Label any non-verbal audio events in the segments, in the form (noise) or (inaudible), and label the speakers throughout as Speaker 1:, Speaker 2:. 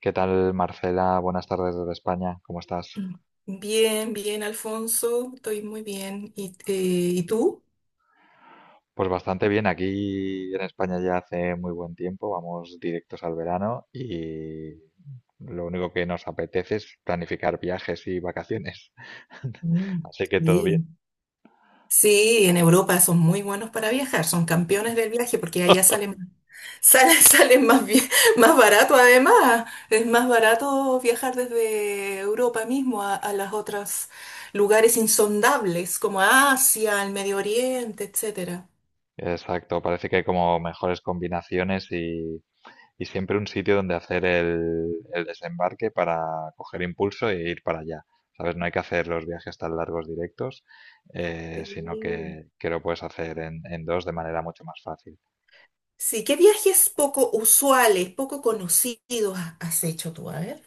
Speaker 1: ¿Qué tal, Marcela? Buenas tardes desde España. ¿Cómo estás?
Speaker 2: Bien, bien, Alfonso, estoy muy bien. ¿Y, y tú?
Speaker 1: Pues bastante bien. Aquí en España ya hace muy buen tiempo. Vamos directos al verano y lo único que nos apetece es planificar viajes y vacaciones. (laughs)
Speaker 2: Mm,
Speaker 1: Así que todo bien.
Speaker 2: sí. Sí, en Europa son muy buenos para viajar, son campeones del viaje porque allá
Speaker 1: (laughs)
Speaker 2: (laughs) salen más, más barato además. Es más barato viajar desde Europa mismo a las otras lugares insondables como Asia, el Medio Oriente, etcétera.
Speaker 1: Exacto. Parece que hay como mejores combinaciones y siempre un sitio donde hacer el desembarque para coger impulso e ir para allá. ¿Sabes? No hay que hacer los viajes tan largos directos, sino
Speaker 2: Sí.
Speaker 1: que lo puedes hacer en, dos de manera mucho más fácil.
Speaker 2: Sí, ¿qué viajes poco usuales, poco conocidos has hecho tú? A ver.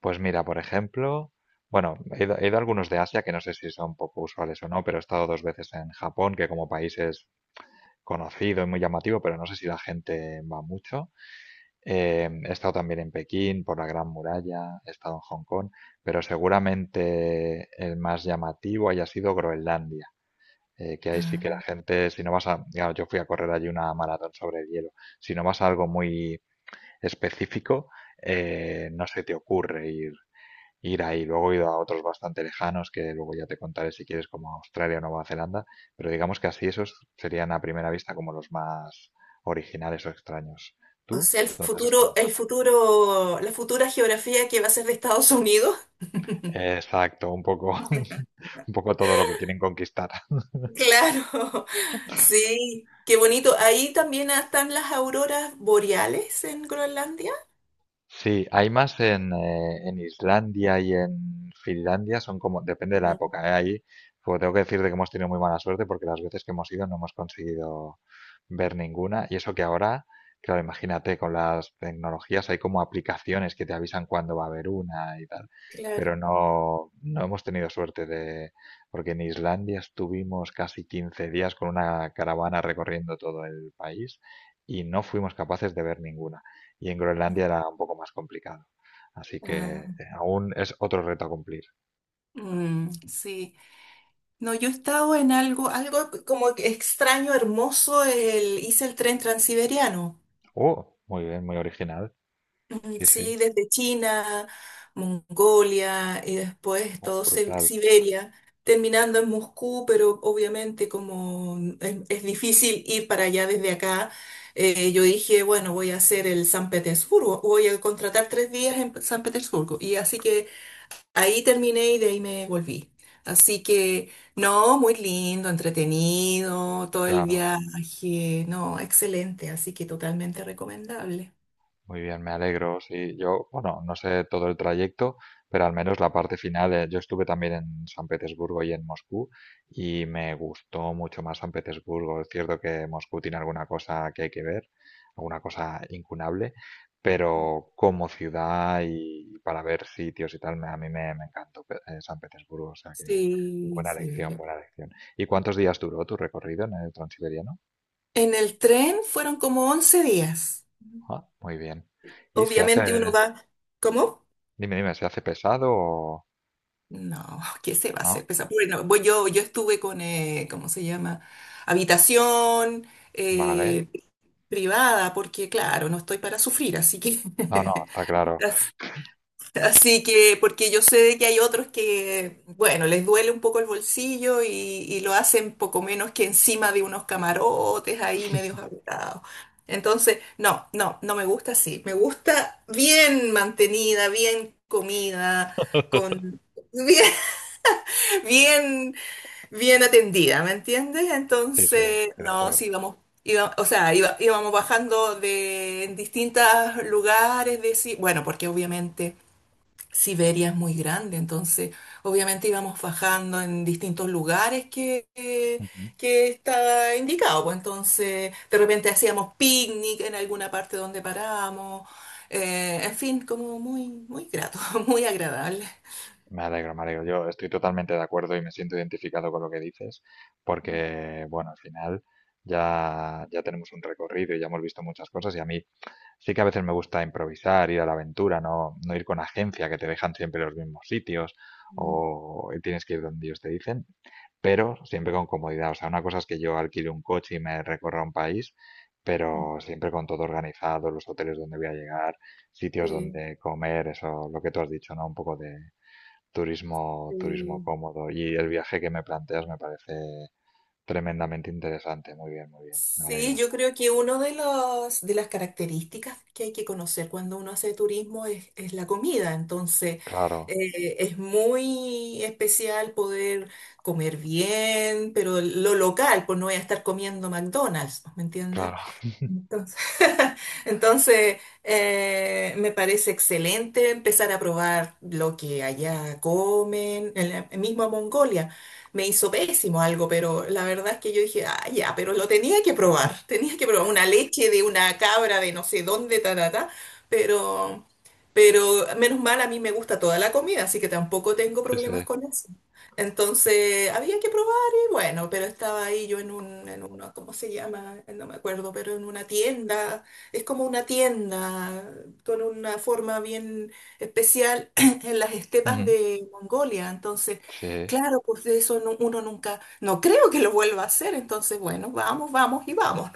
Speaker 1: Pues mira, por ejemplo, bueno, he ido a algunos de Asia que no sé si son poco usuales o no, pero he estado dos veces en Japón, que como país es conocido y muy llamativo, pero no sé si la gente va mucho. He estado también en Pekín, por la Gran Muralla, he estado en Hong Kong, pero seguramente el más llamativo haya sido Groenlandia, que ahí sí que la gente, si no vas a, claro, yo fui a correr allí una maratón sobre hielo, si no vas a algo muy específico, no se te ocurre ir ahí. Luego he ido a otros bastante lejanos, que luego ya te contaré si quieres, como Australia o Nueva Zelanda, pero digamos que así esos serían a primera vista como los más originales o extraños.
Speaker 2: O
Speaker 1: ¿Tú?
Speaker 2: sea,
Speaker 1: ¿Dónde has estado?
Speaker 2: el futuro, la futura geografía que va a ser de Estados Unidos. (laughs)
Speaker 1: Exacto, un poco, (laughs) un poco todo lo que quieren conquistar.
Speaker 2: Claro, sí, qué bonito. Ahí también están las auroras boreales en Groenlandia.
Speaker 1: Sí, hay más en Islandia y en Finlandia, son como, depende de la
Speaker 2: Mm,
Speaker 1: época, ¿eh? Ahí, pues tengo que decirte que hemos tenido muy mala suerte porque las veces que hemos ido no hemos conseguido ver ninguna. Y eso que ahora, claro, imagínate, con las tecnologías hay como aplicaciones que te avisan cuándo va a haber una y tal.
Speaker 2: claro.
Speaker 1: Pero no, no hemos tenido suerte de, porque en Islandia estuvimos casi 15 días con una caravana recorriendo todo el país y no fuimos capaces de ver ninguna y en Groenlandia era un poco más complicado. Así que
Speaker 2: Ah,
Speaker 1: eh, aún es otro reto a cumplir.
Speaker 2: mm, sí. No, yo he estado en algo, algo como que extraño, hermoso. Hice el tren transiberiano.
Speaker 1: ¡Oh! Muy bien, muy original.
Speaker 2: Mm,
Speaker 1: Sí, sí.
Speaker 2: sí, desde China, Mongolia y después
Speaker 1: Oh,
Speaker 2: todo
Speaker 1: brutal.
Speaker 2: Siberia, terminando en Moscú, pero obviamente como es difícil ir para allá desde acá, yo dije, bueno, voy a hacer el San Petersburgo, voy a contratar tres días en San Petersburgo. Y así que ahí terminé y de ahí me volví. Así que no, muy lindo, entretenido, todo el
Speaker 1: Claro.
Speaker 2: viaje, no, excelente, así que totalmente recomendable.
Speaker 1: Muy bien, me alegro. Sí, yo, bueno, no sé todo el trayecto, pero al menos la parte final, yo estuve también en San Petersburgo y en Moscú y me gustó mucho más San Petersburgo. Es cierto que Moscú tiene alguna cosa que hay que ver, alguna cosa incunable, pero como ciudad y para ver sitios y tal, a mí me encantó San Petersburgo, o sea que
Speaker 2: Sí,
Speaker 1: buena elección,
Speaker 2: sí.
Speaker 1: buena elección. ¿Y cuántos días duró tu recorrido en el Transiberiano?
Speaker 2: En el tren fueron como 11 días.
Speaker 1: Ah, muy bien. ¿Y se hace,
Speaker 2: Obviamente uno va, ¿cómo?
Speaker 1: dime, dime, se hace pesado o...
Speaker 2: No, (laughs) ¿qué se va a
Speaker 1: Ah,
Speaker 2: hacer? Pues, bueno, voy yo estuve con, ¿cómo se llama? Habitación
Speaker 1: vale.
Speaker 2: eh, privada, porque claro, no estoy para sufrir, así que
Speaker 1: No, no, está claro.
Speaker 2: (laughs) así.
Speaker 1: Ah.
Speaker 2: Así que, porque yo sé de que hay otros que, bueno, les duele un poco el bolsillo y lo hacen poco menos que encima de unos camarotes ahí medios apretados. Entonces, no, no, no me gusta así. Me gusta bien mantenida, bien comida,
Speaker 1: (laughs)
Speaker 2: con (laughs) bien, bien, bien atendida, ¿me entiendes?
Speaker 1: Sí, sí, estoy
Speaker 2: Entonces,
Speaker 1: de
Speaker 2: no,
Speaker 1: acuerdo.
Speaker 2: sí, vamos. Íbamos bajando de en distintos lugares, bueno, porque obviamente Siberia es muy grande, entonces obviamente íbamos bajando en distintos lugares que estaba indicado, pues entonces de repente hacíamos picnic en alguna parte donde parábamos, en fin, como muy grato, (laughs) muy agradable.
Speaker 1: Me alegro, me alegro. Yo estoy totalmente de acuerdo y me siento identificado con lo que dices, porque, bueno, al final ya, ya tenemos un recorrido y ya hemos visto muchas cosas y a mí sí que a veces me gusta improvisar, ir a la aventura, no, no ir con agencia que te dejan siempre los mismos sitios
Speaker 2: Mm,
Speaker 1: o tienes que ir donde ellos te dicen, pero siempre con comodidad. O sea, una cosa es que yo alquile un coche y me recorra un país, pero siempre con todo organizado, los hoteles donde voy a llegar, sitios
Speaker 2: sí,
Speaker 1: donde comer, eso, lo que tú has dicho, ¿no? Un poco de turismo, turismo
Speaker 2: sí.
Speaker 1: cómodo. Y el viaje que me planteas me parece tremendamente interesante. Muy bien, muy bien. Me
Speaker 2: Sí,
Speaker 1: alegro.
Speaker 2: yo creo que una de de las características que hay que conocer cuando uno hace turismo es la comida. Entonces,
Speaker 1: Claro,
Speaker 2: es muy especial poder comer bien, pero lo local, pues no voy a estar comiendo McDonald's, ¿me entiendes?
Speaker 1: claro. (laughs)
Speaker 2: Entonces, (laughs) entonces, me parece excelente empezar a probar lo que allá comen, en la misma Mongolia. Me hizo pésimo algo, pero la verdad es que yo dije, ah, ya, pero lo tenía que probar, (laughs) tenía que probar una leche de una cabra de no sé dónde, ta, ta, ta, pero, pero menos mal, a mí me gusta toda la comida, así que tampoco tengo
Speaker 1: Sí, sí.
Speaker 2: problemas con eso. Entonces, había que probar. Bueno, pero estaba ahí yo en un, en una, ¿cómo se llama? No me acuerdo, pero en una tienda, es como una tienda con una forma bien especial (clears throat) en las estepas
Speaker 1: Ujú.
Speaker 2: de Mongolia. Entonces,
Speaker 1: Sí.
Speaker 2: claro, pues de eso uno nunca, no creo que lo vuelva a hacer. Entonces, bueno, vamos, vamos y vamos.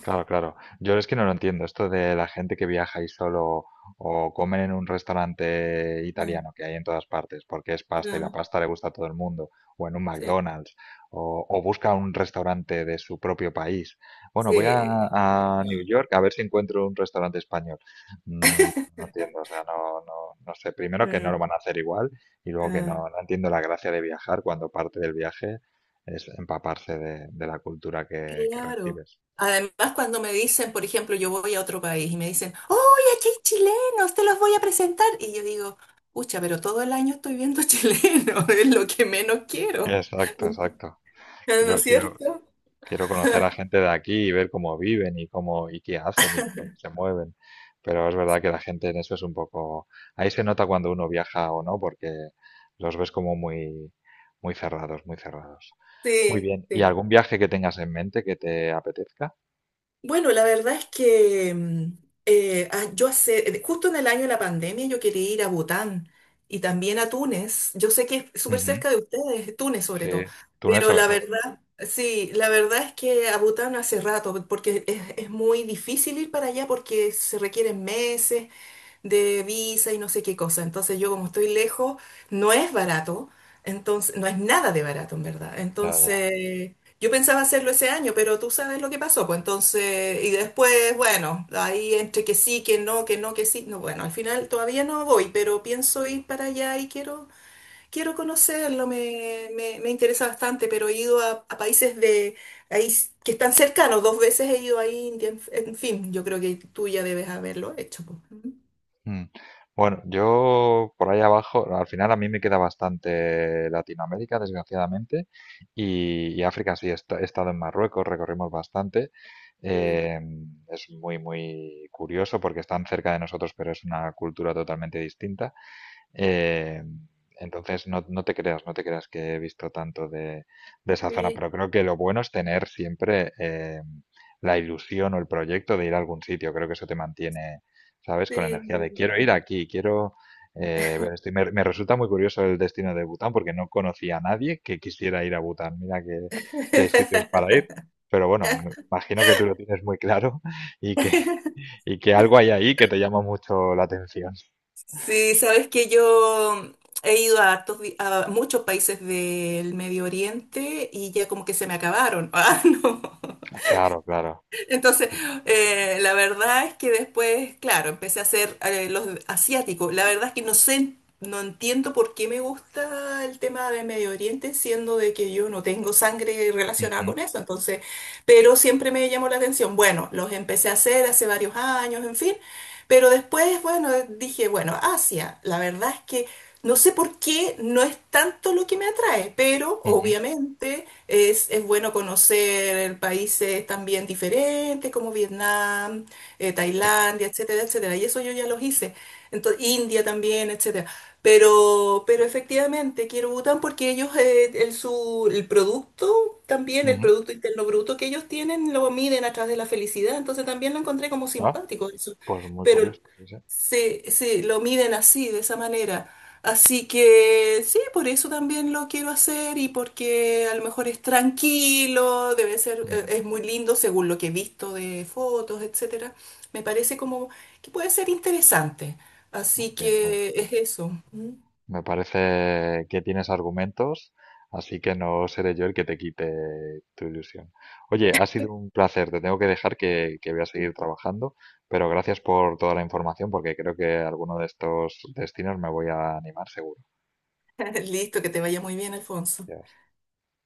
Speaker 1: Claro, claro. Yo es que no lo entiendo, esto de la gente que viaja y solo o comen en un restaurante
Speaker 2: (laughs) Bueno,
Speaker 1: italiano que hay en todas partes, porque es pasta y la
Speaker 2: ah,
Speaker 1: pasta le gusta a todo el mundo, o en un
Speaker 2: sí,
Speaker 1: McDonald's, o busca un restaurante de su propio país. Bueno, voy a,
Speaker 2: sí,
Speaker 1: New
Speaker 2: no.
Speaker 1: York a ver si encuentro un restaurante español. Mm, no entiendo, o sea, no, no, no sé. Primero que no lo van
Speaker 2: Mm,
Speaker 1: a hacer igual y luego que
Speaker 2: ah.
Speaker 1: no, no entiendo la gracia de viajar cuando parte del viaje es empaparse de, la cultura que
Speaker 2: Claro.
Speaker 1: recibes.
Speaker 2: Además, cuando me dicen, por ejemplo, yo voy a otro país y me dicen, "¡Oye, aquí hay chilenos! Te los voy a presentar." Y yo digo, pucha, pero todo el año estoy viendo chilenos, (laughs) es lo que menos quiero. (laughs)
Speaker 1: Exacto, exacto.
Speaker 2: ¿No
Speaker 1: Quiero,
Speaker 2: es
Speaker 1: quiero,
Speaker 2: cierto?
Speaker 1: quiero conocer a
Speaker 2: (laughs)
Speaker 1: gente de aquí y ver cómo viven y cómo y qué hacen y por dónde se mueven. Pero es verdad que la gente en eso es un poco. Ahí se nota cuando uno viaja o no, porque los ves como muy, muy cerrados, muy cerrados. Muy
Speaker 2: Sí,
Speaker 1: bien. ¿Y
Speaker 2: sí.
Speaker 1: algún viaje que tengas en mente que te apetezca?
Speaker 2: Bueno, la verdad es que yo hace, justo en el año de la pandemia yo quería ir a Bután y también a Túnez. Yo sé que es súper
Speaker 1: Ujú.
Speaker 2: cerca de ustedes, Túnez
Speaker 1: Sí,
Speaker 2: sobre todo,
Speaker 1: Túnez
Speaker 2: pero
Speaker 1: sobre
Speaker 2: la
Speaker 1: todo.
Speaker 2: verdad, sí, la verdad es que a Bután hace rato, porque es muy difícil ir para allá porque se requieren meses de visa y no sé qué cosa. Entonces yo como estoy lejos, no es barato, entonces no es nada de barato en verdad.
Speaker 1: Ya, ya.
Speaker 2: Entonces yo pensaba hacerlo ese año, pero tú sabes lo que pasó, pues entonces, y después, bueno, ahí entre que sí, que no, que no, que sí, no, bueno, al final todavía no voy, pero pienso ir para allá y quiero, quiero conocerlo, me interesa bastante, pero he ido a países de... Ahí, que están cercanos, dos veces he ido a India, en fin, yo creo que tú ya debes haberlo hecho, pues.
Speaker 1: Mm. Bueno, yo por ahí abajo, al final a mí me queda bastante Latinoamérica, desgraciadamente, y África sí, he estado en Marruecos, recorrimos bastante. Eh, es muy, muy curioso porque están cerca de nosotros, pero es una cultura totalmente distinta. Eh, entonces, no, no te creas, no te creas que he visto tanto de, esa zona,
Speaker 2: Sí,
Speaker 1: pero creo que lo bueno es tener siempre la ilusión o el proyecto de ir a algún sitio. Creo que eso te mantiene, ¿sabes? Con energía de
Speaker 2: sí.
Speaker 1: quiero ir aquí, quiero ver esto. Y me, resulta muy curioso el destino de Bután porque no conocía a nadie que quisiera ir a Bután. Mira que hay sitios para ir,
Speaker 2: (laughs)
Speaker 1: pero bueno, me imagino que tú lo tienes muy claro (laughs) y que, y que algo hay ahí que te llama mucho la atención.
Speaker 2: Sí, sabes que yo he ido a, hartos a muchos países del Medio Oriente y ya como que se me acabaron. (laughs) Ah, no.
Speaker 1: Ah, claro, claro.
Speaker 2: Entonces, la verdad es que después, claro, empecé a hacer los asiáticos. La verdad es que no sé, no entiendo por qué me gusta el tema de Medio Oriente, siendo de que yo no tengo sangre relacionada con
Speaker 1: (laughs)
Speaker 2: eso. Entonces, pero siempre me llamó la atención. Bueno, los empecé a hacer hace varios años, en fin. Pero después, bueno, dije, bueno, Asia, la verdad es que no sé por qué no es tanto lo que me atrae, pero
Speaker 1: Ujú.
Speaker 2: obviamente es bueno conocer países también diferentes como Vietnam,
Speaker 1: Sí.
Speaker 2: Tailandia, etcétera, etcétera. Y eso yo ya los hice. Entonces, India también, etcétera. Pero efectivamente quiero Bután porque ellos, el producto también, el
Speaker 1: Ujú.
Speaker 2: Producto Interno Bruto que ellos tienen, lo miden a través de la felicidad. Entonces también lo encontré como
Speaker 1: Ah,
Speaker 2: simpático eso.
Speaker 1: pues muy
Speaker 2: Pero
Speaker 1: curioso. Sí, sí.
Speaker 2: se lo miden así, de esa manera. Así que sí, por eso también lo quiero hacer y porque a lo mejor es tranquilo, debe ser,
Speaker 1: Ujú.
Speaker 2: es muy lindo según lo que he visto de fotos, etcétera. Me parece como que puede ser interesante.
Speaker 1: Muy
Speaker 2: Así
Speaker 1: bien, muy bien.
Speaker 2: que es eso.
Speaker 1: Me parece que tienes argumentos, así que no seré yo el que te quite tu ilusión. Oye, ha sido un placer. Te tengo que dejar que voy a seguir trabajando, pero gracias por toda la información porque creo que alguno de estos destinos me voy a animar seguro.
Speaker 2: (laughs) Listo, que te vaya muy bien, Alfonso.
Speaker 1: Ya